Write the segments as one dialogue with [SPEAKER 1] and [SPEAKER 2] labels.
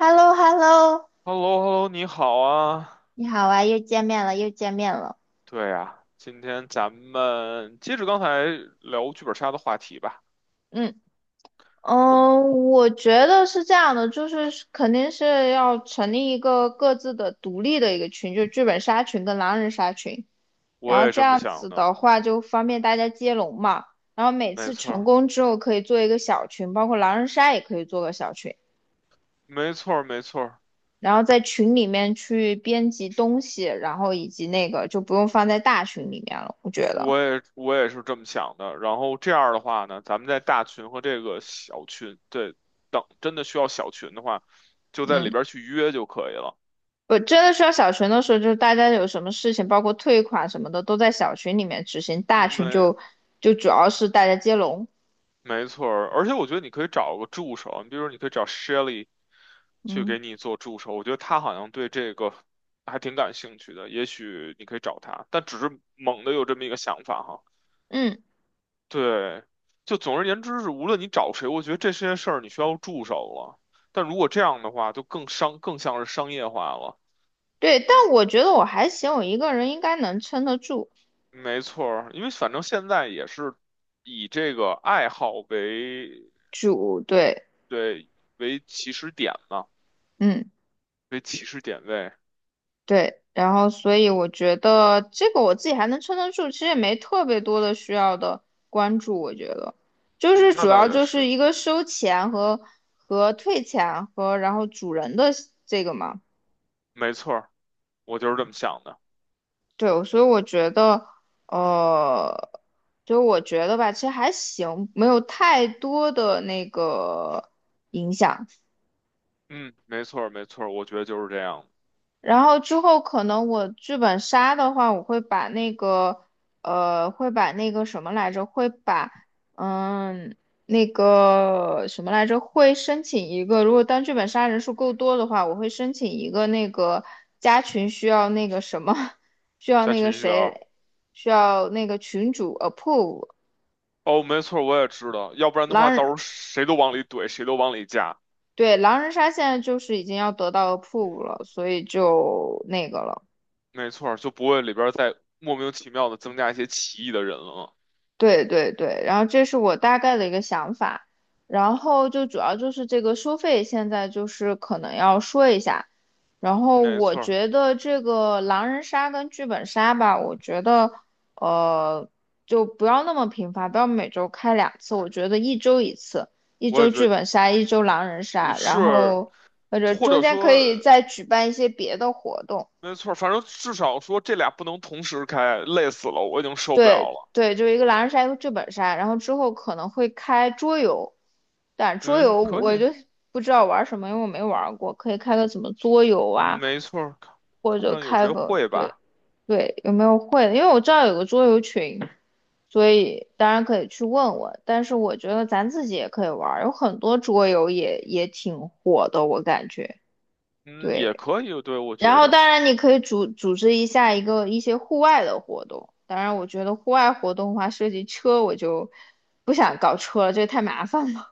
[SPEAKER 1] h e l l o h e l l o
[SPEAKER 2] h e l l o h e l l o， 你好啊。
[SPEAKER 1] 你好啊，又见面了，又见面了。
[SPEAKER 2] 对呀，今天咱们接着刚才聊剧本杀的话题吧。
[SPEAKER 1] 嗯，
[SPEAKER 2] 我们
[SPEAKER 1] 嗯，我觉得是这样的，就是是肯定是要成立一个各自的独立的一个群，就是剧本杀群跟狼人杀群，然
[SPEAKER 2] 我
[SPEAKER 1] 后
[SPEAKER 2] 也
[SPEAKER 1] 这
[SPEAKER 2] 这么
[SPEAKER 1] 样
[SPEAKER 2] 想
[SPEAKER 1] 子
[SPEAKER 2] 的。
[SPEAKER 1] 的话就方便大家接龙嘛。然后每
[SPEAKER 2] 没
[SPEAKER 1] 次
[SPEAKER 2] 错
[SPEAKER 1] 成
[SPEAKER 2] 儿，
[SPEAKER 1] 功之后可以做一个小群，包括狼人杀也可以做个小群，
[SPEAKER 2] 没错儿，没错儿，
[SPEAKER 1] 然后在群里面去编辑东西，然后以及那个就不用放在大群里面了，我觉得。
[SPEAKER 2] 我也是这么想的。然后这样儿的话呢，咱们在大群和这个小群，对，等真的需要小群的话，就在里
[SPEAKER 1] 嗯。
[SPEAKER 2] 边儿去约就可以了。
[SPEAKER 1] 我真的需要小群的时候，就是大家有什么事情，包括退款什么的，都在小群里面执行，大
[SPEAKER 2] 嗯，
[SPEAKER 1] 群就主要是大家接龙。
[SPEAKER 2] 没错儿，而且我觉得你可以找个助手，你比如你可以找 Shelly 去
[SPEAKER 1] 嗯，
[SPEAKER 2] 给你做助手，我觉得他好像对这个还挺感兴趣的，也许你可以找他，但只是猛的有这么一个想法哈。
[SPEAKER 1] 嗯，
[SPEAKER 2] 对，就总而言之是，无论你找谁，我觉得这些事儿你需要助手了。但如果这样的话，就更像是商业化了。
[SPEAKER 1] 对，但我觉得我还行，我一个人应该能撑得住。
[SPEAKER 2] 没错儿，因为反正现在也是以这个爱好为，
[SPEAKER 1] 主，对，
[SPEAKER 2] 对，为起始点嘛，
[SPEAKER 1] 嗯，
[SPEAKER 2] 为起始点位。
[SPEAKER 1] 对，然后所以我觉得这个我自己还能撑得住，其实也没特别多的需要的关注，我觉得就是
[SPEAKER 2] 嗯，那
[SPEAKER 1] 主
[SPEAKER 2] 倒
[SPEAKER 1] 要
[SPEAKER 2] 也
[SPEAKER 1] 就是
[SPEAKER 2] 是，
[SPEAKER 1] 一个收钱和退钱和然后主人的这个嘛。
[SPEAKER 2] 没错儿，我就是这么想的。
[SPEAKER 1] 对，所以我觉得，呃，所以我觉得吧，其实还行，没有太多的那个影响。
[SPEAKER 2] 嗯，没错儿，没错儿，我觉得就是这样。
[SPEAKER 1] 然后之后可能我剧本杀的话，我会把那个，会把那个什么来着，会把，嗯，那个什么来着，会申请一个，如果当剧本杀人数够多的话，我会申请一个那个加群需要那个什么，需要
[SPEAKER 2] 加
[SPEAKER 1] 那个
[SPEAKER 2] 情绪啊，
[SPEAKER 1] 谁，需要那个群主approve，
[SPEAKER 2] 哦，没错儿，我也知道，要不然的话，
[SPEAKER 1] 狼
[SPEAKER 2] 到时
[SPEAKER 1] 人，
[SPEAKER 2] 候谁都往里怼，谁都往里加，
[SPEAKER 1] 对，狼人杀现在就是已经要得到 approve 了，所以就那个了。
[SPEAKER 2] 没错儿，就不会里边儿再莫名其妙的增加一些奇异的人了。
[SPEAKER 1] 对对对，然后这是我大概的一个想法，然后就主要就是这个收费，现在就是可能要说一下，然后
[SPEAKER 2] 没
[SPEAKER 1] 我
[SPEAKER 2] 错儿，
[SPEAKER 1] 觉得这个狼人杀跟剧本杀吧，我觉得呃就不要那么频繁，不要每周开两次，我觉得一周一次，一
[SPEAKER 2] 我也
[SPEAKER 1] 周
[SPEAKER 2] 觉
[SPEAKER 1] 剧
[SPEAKER 2] 得
[SPEAKER 1] 本杀，一周狼人杀，然
[SPEAKER 2] 是，
[SPEAKER 1] 后或者
[SPEAKER 2] 或
[SPEAKER 1] 中
[SPEAKER 2] 者
[SPEAKER 1] 间可以
[SPEAKER 2] 说，
[SPEAKER 1] 再举办一些别的活动。
[SPEAKER 2] 没错儿，反正至少说这俩不能同时开，累死了，我已经受不了
[SPEAKER 1] 对
[SPEAKER 2] 了。
[SPEAKER 1] 对，就是一个狼人杀，一个剧本杀，然后之后可能会开桌游，但桌
[SPEAKER 2] 嗯，
[SPEAKER 1] 游
[SPEAKER 2] 可
[SPEAKER 1] 我
[SPEAKER 2] 以，
[SPEAKER 1] 就不知道玩什么，因为我没玩过，可以开个什么桌游
[SPEAKER 2] 嗯
[SPEAKER 1] 啊，
[SPEAKER 2] 没错儿，看
[SPEAKER 1] 或
[SPEAKER 2] 看
[SPEAKER 1] 者
[SPEAKER 2] 看有
[SPEAKER 1] 开
[SPEAKER 2] 谁
[SPEAKER 1] 个
[SPEAKER 2] 会
[SPEAKER 1] 对
[SPEAKER 2] 吧。
[SPEAKER 1] 对，有没有会的？因为我知道有个桌游群，所以当然可以去问问，但是我觉得咱自己也可以玩儿有很多桌游也挺火的，我感觉
[SPEAKER 2] 嗯，也
[SPEAKER 1] 对。
[SPEAKER 2] 可以，对，我
[SPEAKER 1] 然
[SPEAKER 2] 觉
[SPEAKER 1] 后，
[SPEAKER 2] 得，
[SPEAKER 1] 当然你可以组织一下一个一些户外的活动。当然，我觉得户外活动的话，涉及车，我就不想搞车了，这个太麻烦了，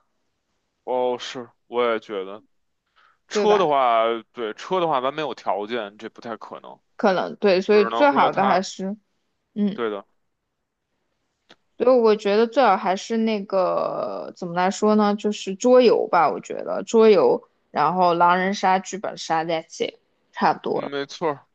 [SPEAKER 2] 哦，是，我也觉得，
[SPEAKER 1] 对
[SPEAKER 2] 车的
[SPEAKER 1] 吧？
[SPEAKER 2] 话，对，车的话，咱没有条件，这不太可能，
[SPEAKER 1] 可能对，
[SPEAKER 2] 只
[SPEAKER 1] 所以
[SPEAKER 2] 能
[SPEAKER 1] 最
[SPEAKER 2] 说
[SPEAKER 1] 好的还
[SPEAKER 2] 它，
[SPEAKER 1] 是，嗯，
[SPEAKER 2] 对的，
[SPEAKER 1] 所以我觉得最好还是那个怎么来说呢？就是桌游吧，我觉得桌游，然后狼人杀、剧本杀，that's it，差不多
[SPEAKER 2] 嗯
[SPEAKER 1] 了。
[SPEAKER 2] 没错儿，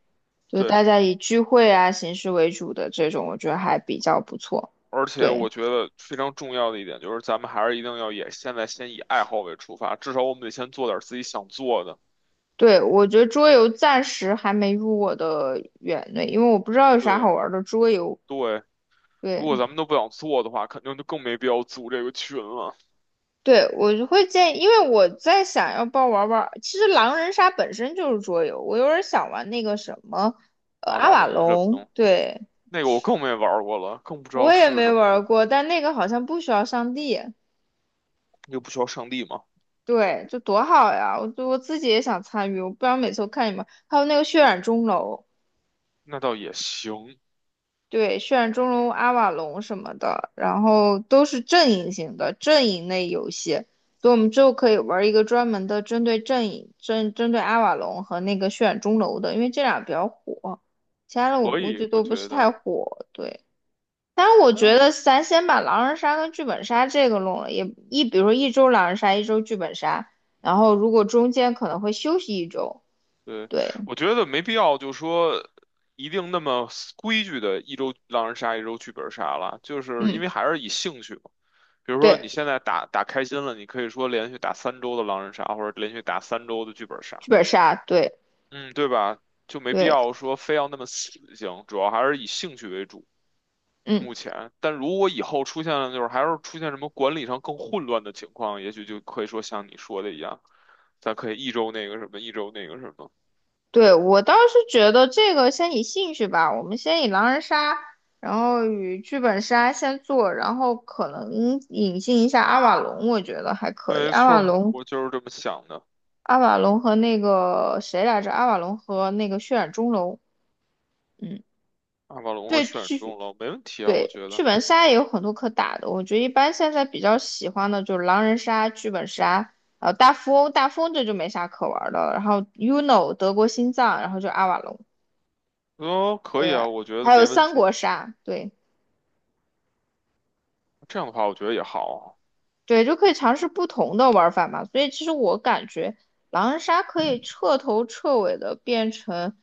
[SPEAKER 1] 就是
[SPEAKER 2] 对，
[SPEAKER 1] 大家以聚会啊形式为主的这种，我觉得还比较不错。
[SPEAKER 2] 而且
[SPEAKER 1] 对。
[SPEAKER 2] 我觉得非常重要的一点就是，咱们还是一定要也现在先以爱好为出发，至少我们得先做点儿自己想做的。
[SPEAKER 1] 对，我觉得桌游暂时还没入我的眼内，因为我不知道有啥
[SPEAKER 2] 对
[SPEAKER 1] 好玩的桌游。
[SPEAKER 2] 对，如
[SPEAKER 1] 对，
[SPEAKER 2] 果咱们都不想做的话，肯定就更没必要组这个群了。
[SPEAKER 1] 对，我就会建议，因为我在想要不要玩玩。其实狼人杀本身就是桌游，我有点想玩那个什么，
[SPEAKER 2] 阿
[SPEAKER 1] 阿
[SPEAKER 2] 瓦
[SPEAKER 1] 瓦
[SPEAKER 2] 隆这么
[SPEAKER 1] 隆。
[SPEAKER 2] 的，
[SPEAKER 1] 对，
[SPEAKER 2] 那个我更没玩儿过了，更不知道
[SPEAKER 1] 我也
[SPEAKER 2] 是
[SPEAKER 1] 没
[SPEAKER 2] 什么，
[SPEAKER 1] 玩过，但那个好像不需要上帝。
[SPEAKER 2] 又不需要上帝嘛，
[SPEAKER 1] 对，就多好呀！我自己也想参与，我不然每次我看你们，还有那个血染钟楼。
[SPEAKER 2] 那倒也行。
[SPEAKER 1] 对，血染钟楼、阿瓦隆什么的，然后都是阵营型的阵营类游戏，所以我们之后可以玩一个专门的针对阵营、针对阿瓦隆和那个血染钟楼的，因为这俩比较火，其他的我
[SPEAKER 2] 所
[SPEAKER 1] 估计
[SPEAKER 2] 以，我
[SPEAKER 1] 都不是
[SPEAKER 2] 觉
[SPEAKER 1] 太
[SPEAKER 2] 得，
[SPEAKER 1] 火。对，但是我觉
[SPEAKER 2] 嗯
[SPEAKER 1] 得咱先把狼人杀跟剧本杀这个弄了，也比如说一周狼人杀，一周剧本杀，然后如果中间可能会休息一周，
[SPEAKER 2] 对，
[SPEAKER 1] 对，
[SPEAKER 2] 我觉得没必要，就说一定那么规矩的一周狼人杀，一周剧本杀了，就是因
[SPEAKER 1] 嗯，
[SPEAKER 2] 为还是以兴趣嘛。比如说你
[SPEAKER 1] 对，
[SPEAKER 2] 现在打打开心了，你可以说连续打三周的狼人杀，或者连续打三周的剧本杀，
[SPEAKER 1] 剧本杀，对
[SPEAKER 2] 嗯，对吧？就没必
[SPEAKER 1] 对。
[SPEAKER 2] 要说非要那么死性，主要还是以兴趣为主。
[SPEAKER 1] 嗯。
[SPEAKER 2] 目前，但如果以后出现了，就是还是出现什么管理上更混乱的情况，也许就可以说像你说的一样，咱可以一周那个什么，一周那个什么。
[SPEAKER 1] 对，我倒是觉得这个先以兴趣吧，我们先以狼人杀，然后与剧本杀先做，然后可能引进一下阿瓦隆，我觉得还可以。
[SPEAKER 2] 没
[SPEAKER 1] 阿
[SPEAKER 2] 错
[SPEAKER 1] 瓦
[SPEAKER 2] 儿，
[SPEAKER 1] 隆，
[SPEAKER 2] 我就是这么想的。
[SPEAKER 1] 阿瓦隆和那个谁来着？阿瓦隆和那个血染钟楼，嗯，
[SPEAKER 2] 阿瓦隆和
[SPEAKER 1] 对
[SPEAKER 2] 选中
[SPEAKER 1] 剧
[SPEAKER 2] 了，没问题啊，我
[SPEAKER 1] 对
[SPEAKER 2] 觉
[SPEAKER 1] 剧
[SPEAKER 2] 得。
[SPEAKER 1] 本杀也有很多可打的，我觉得一般现在比较喜欢的就是狼人杀、剧本杀，大富翁，大富翁这就没啥可玩的了，然后 UNO 德国心脏，然后就阿瓦隆。
[SPEAKER 2] 哦，可以啊，
[SPEAKER 1] 对，
[SPEAKER 2] 我觉得
[SPEAKER 1] 还有
[SPEAKER 2] 没问
[SPEAKER 1] 三
[SPEAKER 2] 题。
[SPEAKER 1] 国杀，对
[SPEAKER 2] 这样的话，我觉得也好，
[SPEAKER 1] 对，就可以尝试不同的玩法嘛。所以其实我感觉狼人杀可以彻头彻尾的变成，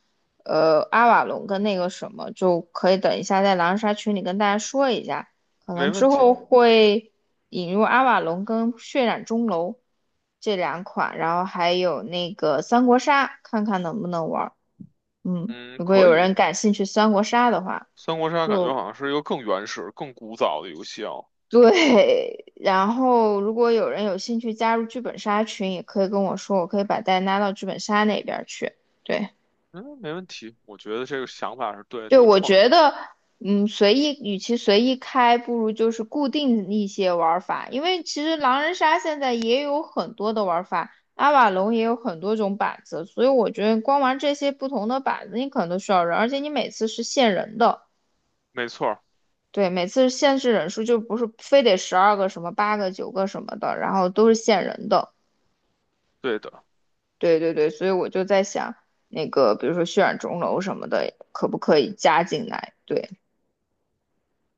[SPEAKER 1] 阿瓦隆跟那个什么，就可以等一下在狼人杀群里跟大家说一下，可能
[SPEAKER 2] 没
[SPEAKER 1] 之
[SPEAKER 2] 问题。
[SPEAKER 1] 后会引入阿瓦隆跟血染钟楼这两款，然后还有那个三国杀，看看能不能玩儿嗯，
[SPEAKER 2] 嗯，
[SPEAKER 1] 如果
[SPEAKER 2] 可
[SPEAKER 1] 有
[SPEAKER 2] 以。
[SPEAKER 1] 人感兴趣三国杀的话，
[SPEAKER 2] 三国杀感觉
[SPEAKER 1] 就
[SPEAKER 2] 好像是一个更原始、更古早的游戏哦。
[SPEAKER 1] 对，然后如果有人有兴趣加入剧本杀群，也可以跟我说，我可以把大家拉到剧本杀那边儿去。对，
[SPEAKER 2] 嗯，没问题，我觉得这个想法是对，
[SPEAKER 1] 对，
[SPEAKER 2] 这个
[SPEAKER 1] 我
[SPEAKER 2] 创
[SPEAKER 1] 觉
[SPEAKER 2] 意
[SPEAKER 1] 得，嗯，随意，与其随意开，不如就是固定一些玩儿法，因为其实狼人杀现在也有很多的玩儿法，阿瓦隆也有很多种板子，所以我觉得光玩这些不同的板子，你可能都需要人，而且你每次是限人的。
[SPEAKER 2] 没错儿，
[SPEAKER 1] 对，每次限制人数就不是非得12个什么八个九个什么的，然后都是限人的。
[SPEAKER 2] 对的。
[SPEAKER 1] 对对对，所以我就在想，那个比如说血染钟楼什么的，可不可以加进来？对，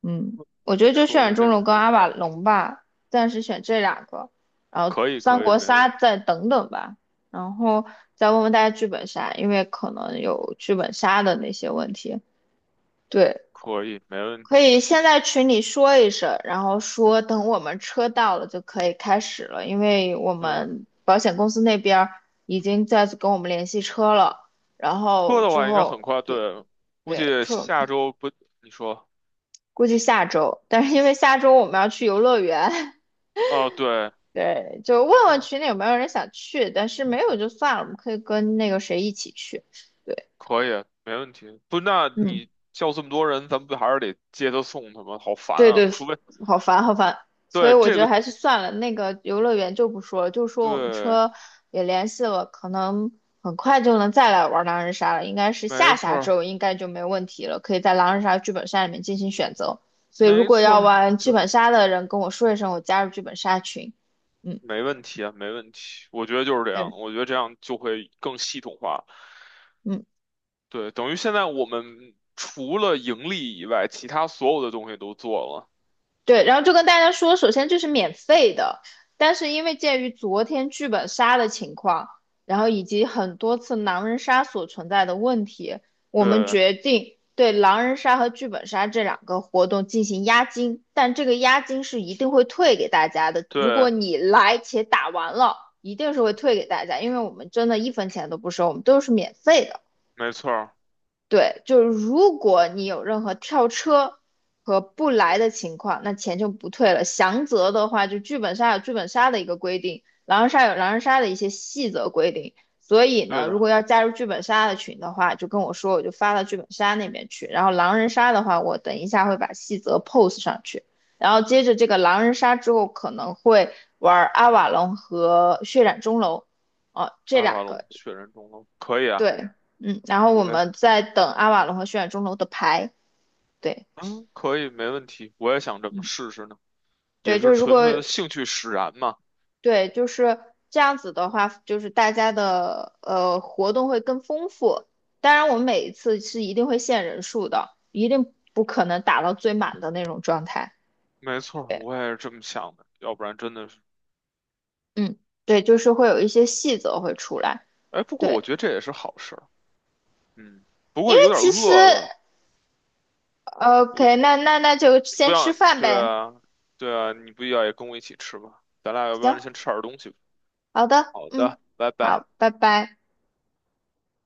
[SPEAKER 1] 嗯，我
[SPEAKER 2] 嗯，
[SPEAKER 1] 觉得
[SPEAKER 2] 你
[SPEAKER 1] 就血
[SPEAKER 2] 说的
[SPEAKER 1] 染
[SPEAKER 2] 这
[SPEAKER 1] 钟
[SPEAKER 2] 个
[SPEAKER 1] 楼
[SPEAKER 2] 是
[SPEAKER 1] 跟
[SPEAKER 2] 有
[SPEAKER 1] 阿
[SPEAKER 2] 道
[SPEAKER 1] 瓦
[SPEAKER 2] 理。
[SPEAKER 1] 隆吧，暂时选这两个，然后
[SPEAKER 2] 可以，
[SPEAKER 1] 三
[SPEAKER 2] 可以，
[SPEAKER 1] 国
[SPEAKER 2] 没问，
[SPEAKER 1] 杀再等等吧，然后再问问大家剧本杀，因为可能有剧本杀的那些问题。对，
[SPEAKER 2] 可以，没问
[SPEAKER 1] 可以
[SPEAKER 2] 题。
[SPEAKER 1] 先在群里说一声，然后说等我们车到了就可以开始了，因为我
[SPEAKER 2] 嗯，
[SPEAKER 1] 们保险公司那边儿已经在跟我们联系车了，然
[SPEAKER 2] 车
[SPEAKER 1] 后
[SPEAKER 2] 的
[SPEAKER 1] 之
[SPEAKER 2] 话应该很
[SPEAKER 1] 后
[SPEAKER 2] 快，
[SPEAKER 1] 对
[SPEAKER 2] 对，估
[SPEAKER 1] 对，
[SPEAKER 2] 计
[SPEAKER 1] 车
[SPEAKER 2] 下周不，你说，
[SPEAKER 1] 估计下周，但是因为下周我们要去游乐园，
[SPEAKER 2] 哦，对。
[SPEAKER 1] 对，就问问群里有没有人想去，但是没有就算了，我们可以跟那个谁一起去，对，
[SPEAKER 2] 可以，没问题。不，那
[SPEAKER 1] 嗯。
[SPEAKER 2] 你叫这么多人，咱们不还是得接他送他吗？好烦
[SPEAKER 1] 对
[SPEAKER 2] 啊！
[SPEAKER 1] 对，
[SPEAKER 2] 除非
[SPEAKER 1] 好烦好烦，所以
[SPEAKER 2] 对
[SPEAKER 1] 我
[SPEAKER 2] 这
[SPEAKER 1] 觉得
[SPEAKER 2] 个，
[SPEAKER 1] 还是算了，那个游乐园就不说了，就说我们
[SPEAKER 2] 对，
[SPEAKER 1] 车也联系了，可能很快就能再来玩狼人杀了，应该是
[SPEAKER 2] 没
[SPEAKER 1] 下
[SPEAKER 2] 错
[SPEAKER 1] 下
[SPEAKER 2] 儿，
[SPEAKER 1] 周应该就没问题了，可以在狼人杀剧本杀里面进行选择。所以如
[SPEAKER 2] 没
[SPEAKER 1] 果
[SPEAKER 2] 错
[SPEAKER 1] 要
[SPEAKER 2] 儿，我
[SPEAKER 1] 玩剧
[SPEAKER 2] 就
[SPEAKER 1] 本
[SPEAKER 2] 是
[SPEAKER 1] 杀的人跟我说一声，我加入剧本杀群。嗯
[SPEAKER 2] 没问题啊，没问题。我觉得就是这样，
[SPEAKER 1] 对，
[SPEAKER 2] 我觉得这样就会更系统化。
[SPEAKER 1] 嗯。
[SPEAKER 2] 对，等于现在我们除了盈利以外，其他所有的东西都做了。
[SPEAKER 1] 对，然后就跟大家说，首先这是免费的，但是因为鉴于昨天剧本杀的情况，然后以及很多次狼人杀所存在的问题，我们
[SPEAKER 2] 对，
[SPEAKER 1] 决定对狼人杀和剧本杀这两个活动进行押金，但这个押金是一定会退给大家的。如果
[SPEAKER 2] 对，
[SPEAKER 1] 你来且打完了，一定是会退给大家，因为我们真的一分钱都不收，我们都是免费的。
[SPEAKER 2] 没错儿，
[SPEAKER 1] 对，就是如果你有任何跳车和不来的情况，那钱就不退了。详则的话，就剧本杀有剧本杀的一个规定，狼人杀有狼人杀的一些细则规定。所以
[SPEAKER 2] 对
[SPEAKER 1] 呢，如果
[SPEAKER 2] 的。
[SPEAKER 1] 要加入剧本杀的群的话，就跟我说，我就发到剧本杀那边去。然后狼人杀的话，我等一下会把细则 post 上去。然后接着这个狼人杀之后，可能会玩阿瓦隆和血染钟楼，哦，这
[SPEAKER 2] 阿
[SPEAKER 1] 两
[SPEAKER 2] 瓦
[SPEAKER 1] 个。
[SPEAKER 2] 隆，血人中龙，可以啊，
[SPEAKER 1] 对，嗯，然后我
[SPEAKER 2] 喂，
[SPEAKER 1] 们在等阿瓦隆和血染钟楼的牌，对，
[SPEAKER 2] 嗯，可以，没问题，我也想这么
[SPEAKER 1] 嗯，
[SPEAKER 2] 试试呢。也
[SPEAKER 1] 对，就
[SPEAKER 2] 是
[SPEAKER 1] 是如
[SPEAKER 2] 纯
[SPEAKER 1] 果
[SPEAKER 2] 粹的兴趣使然嘛。
[SPEAKER 1] 对，就是这样子的话，就是大家的活动会更丰富。当然，我们每一次是一定会限人数的，一定不可能打到最满的那种状态。
[SPEAKER 2] 没错儿，我也是这么想的，要不然真的是，
[SPEAKER 1] 嗯，对，就是会有一些细则会出来。
[SPEAKER 2] 哎，不过我
[SPEAKER 1] 对，
[SPEAKER 2] 觉得这也是好事儿，嗯，不
[SPEAKER 1] 因
[SPEAKER 2] 过
[SPEAKER 1] 为
[SPEAKER 2] 有点
[SPEAKER 1] 其实
[SPEAKER 2] 饿了，
[SPEAKER 1] OK，
[SPEAKER 2] 你
[SPEAKER 1] 那就
[SPEAKER 2] 不
[SPEAKER 1] 先吃
[SPEAKER 2] 要，
[SPEAKER 1] 饭
[SPEAKER 2] 对
[SPEAKER 1] 呗。
[SPEAKER 2] 啊，对啊，你不要也跟我一起吃吧，咱俩要不
[SPEAKER 1] 行，
[SPEAKER 2] 然先吃点东西吧。
[SPEAKER 1] 好的，
[SPEAKER 2] 好
[SPEAKER 1] 嗯，
[SPEAKER 2] 的，拜拜。
[SPEAKER 1] 好，拜拜。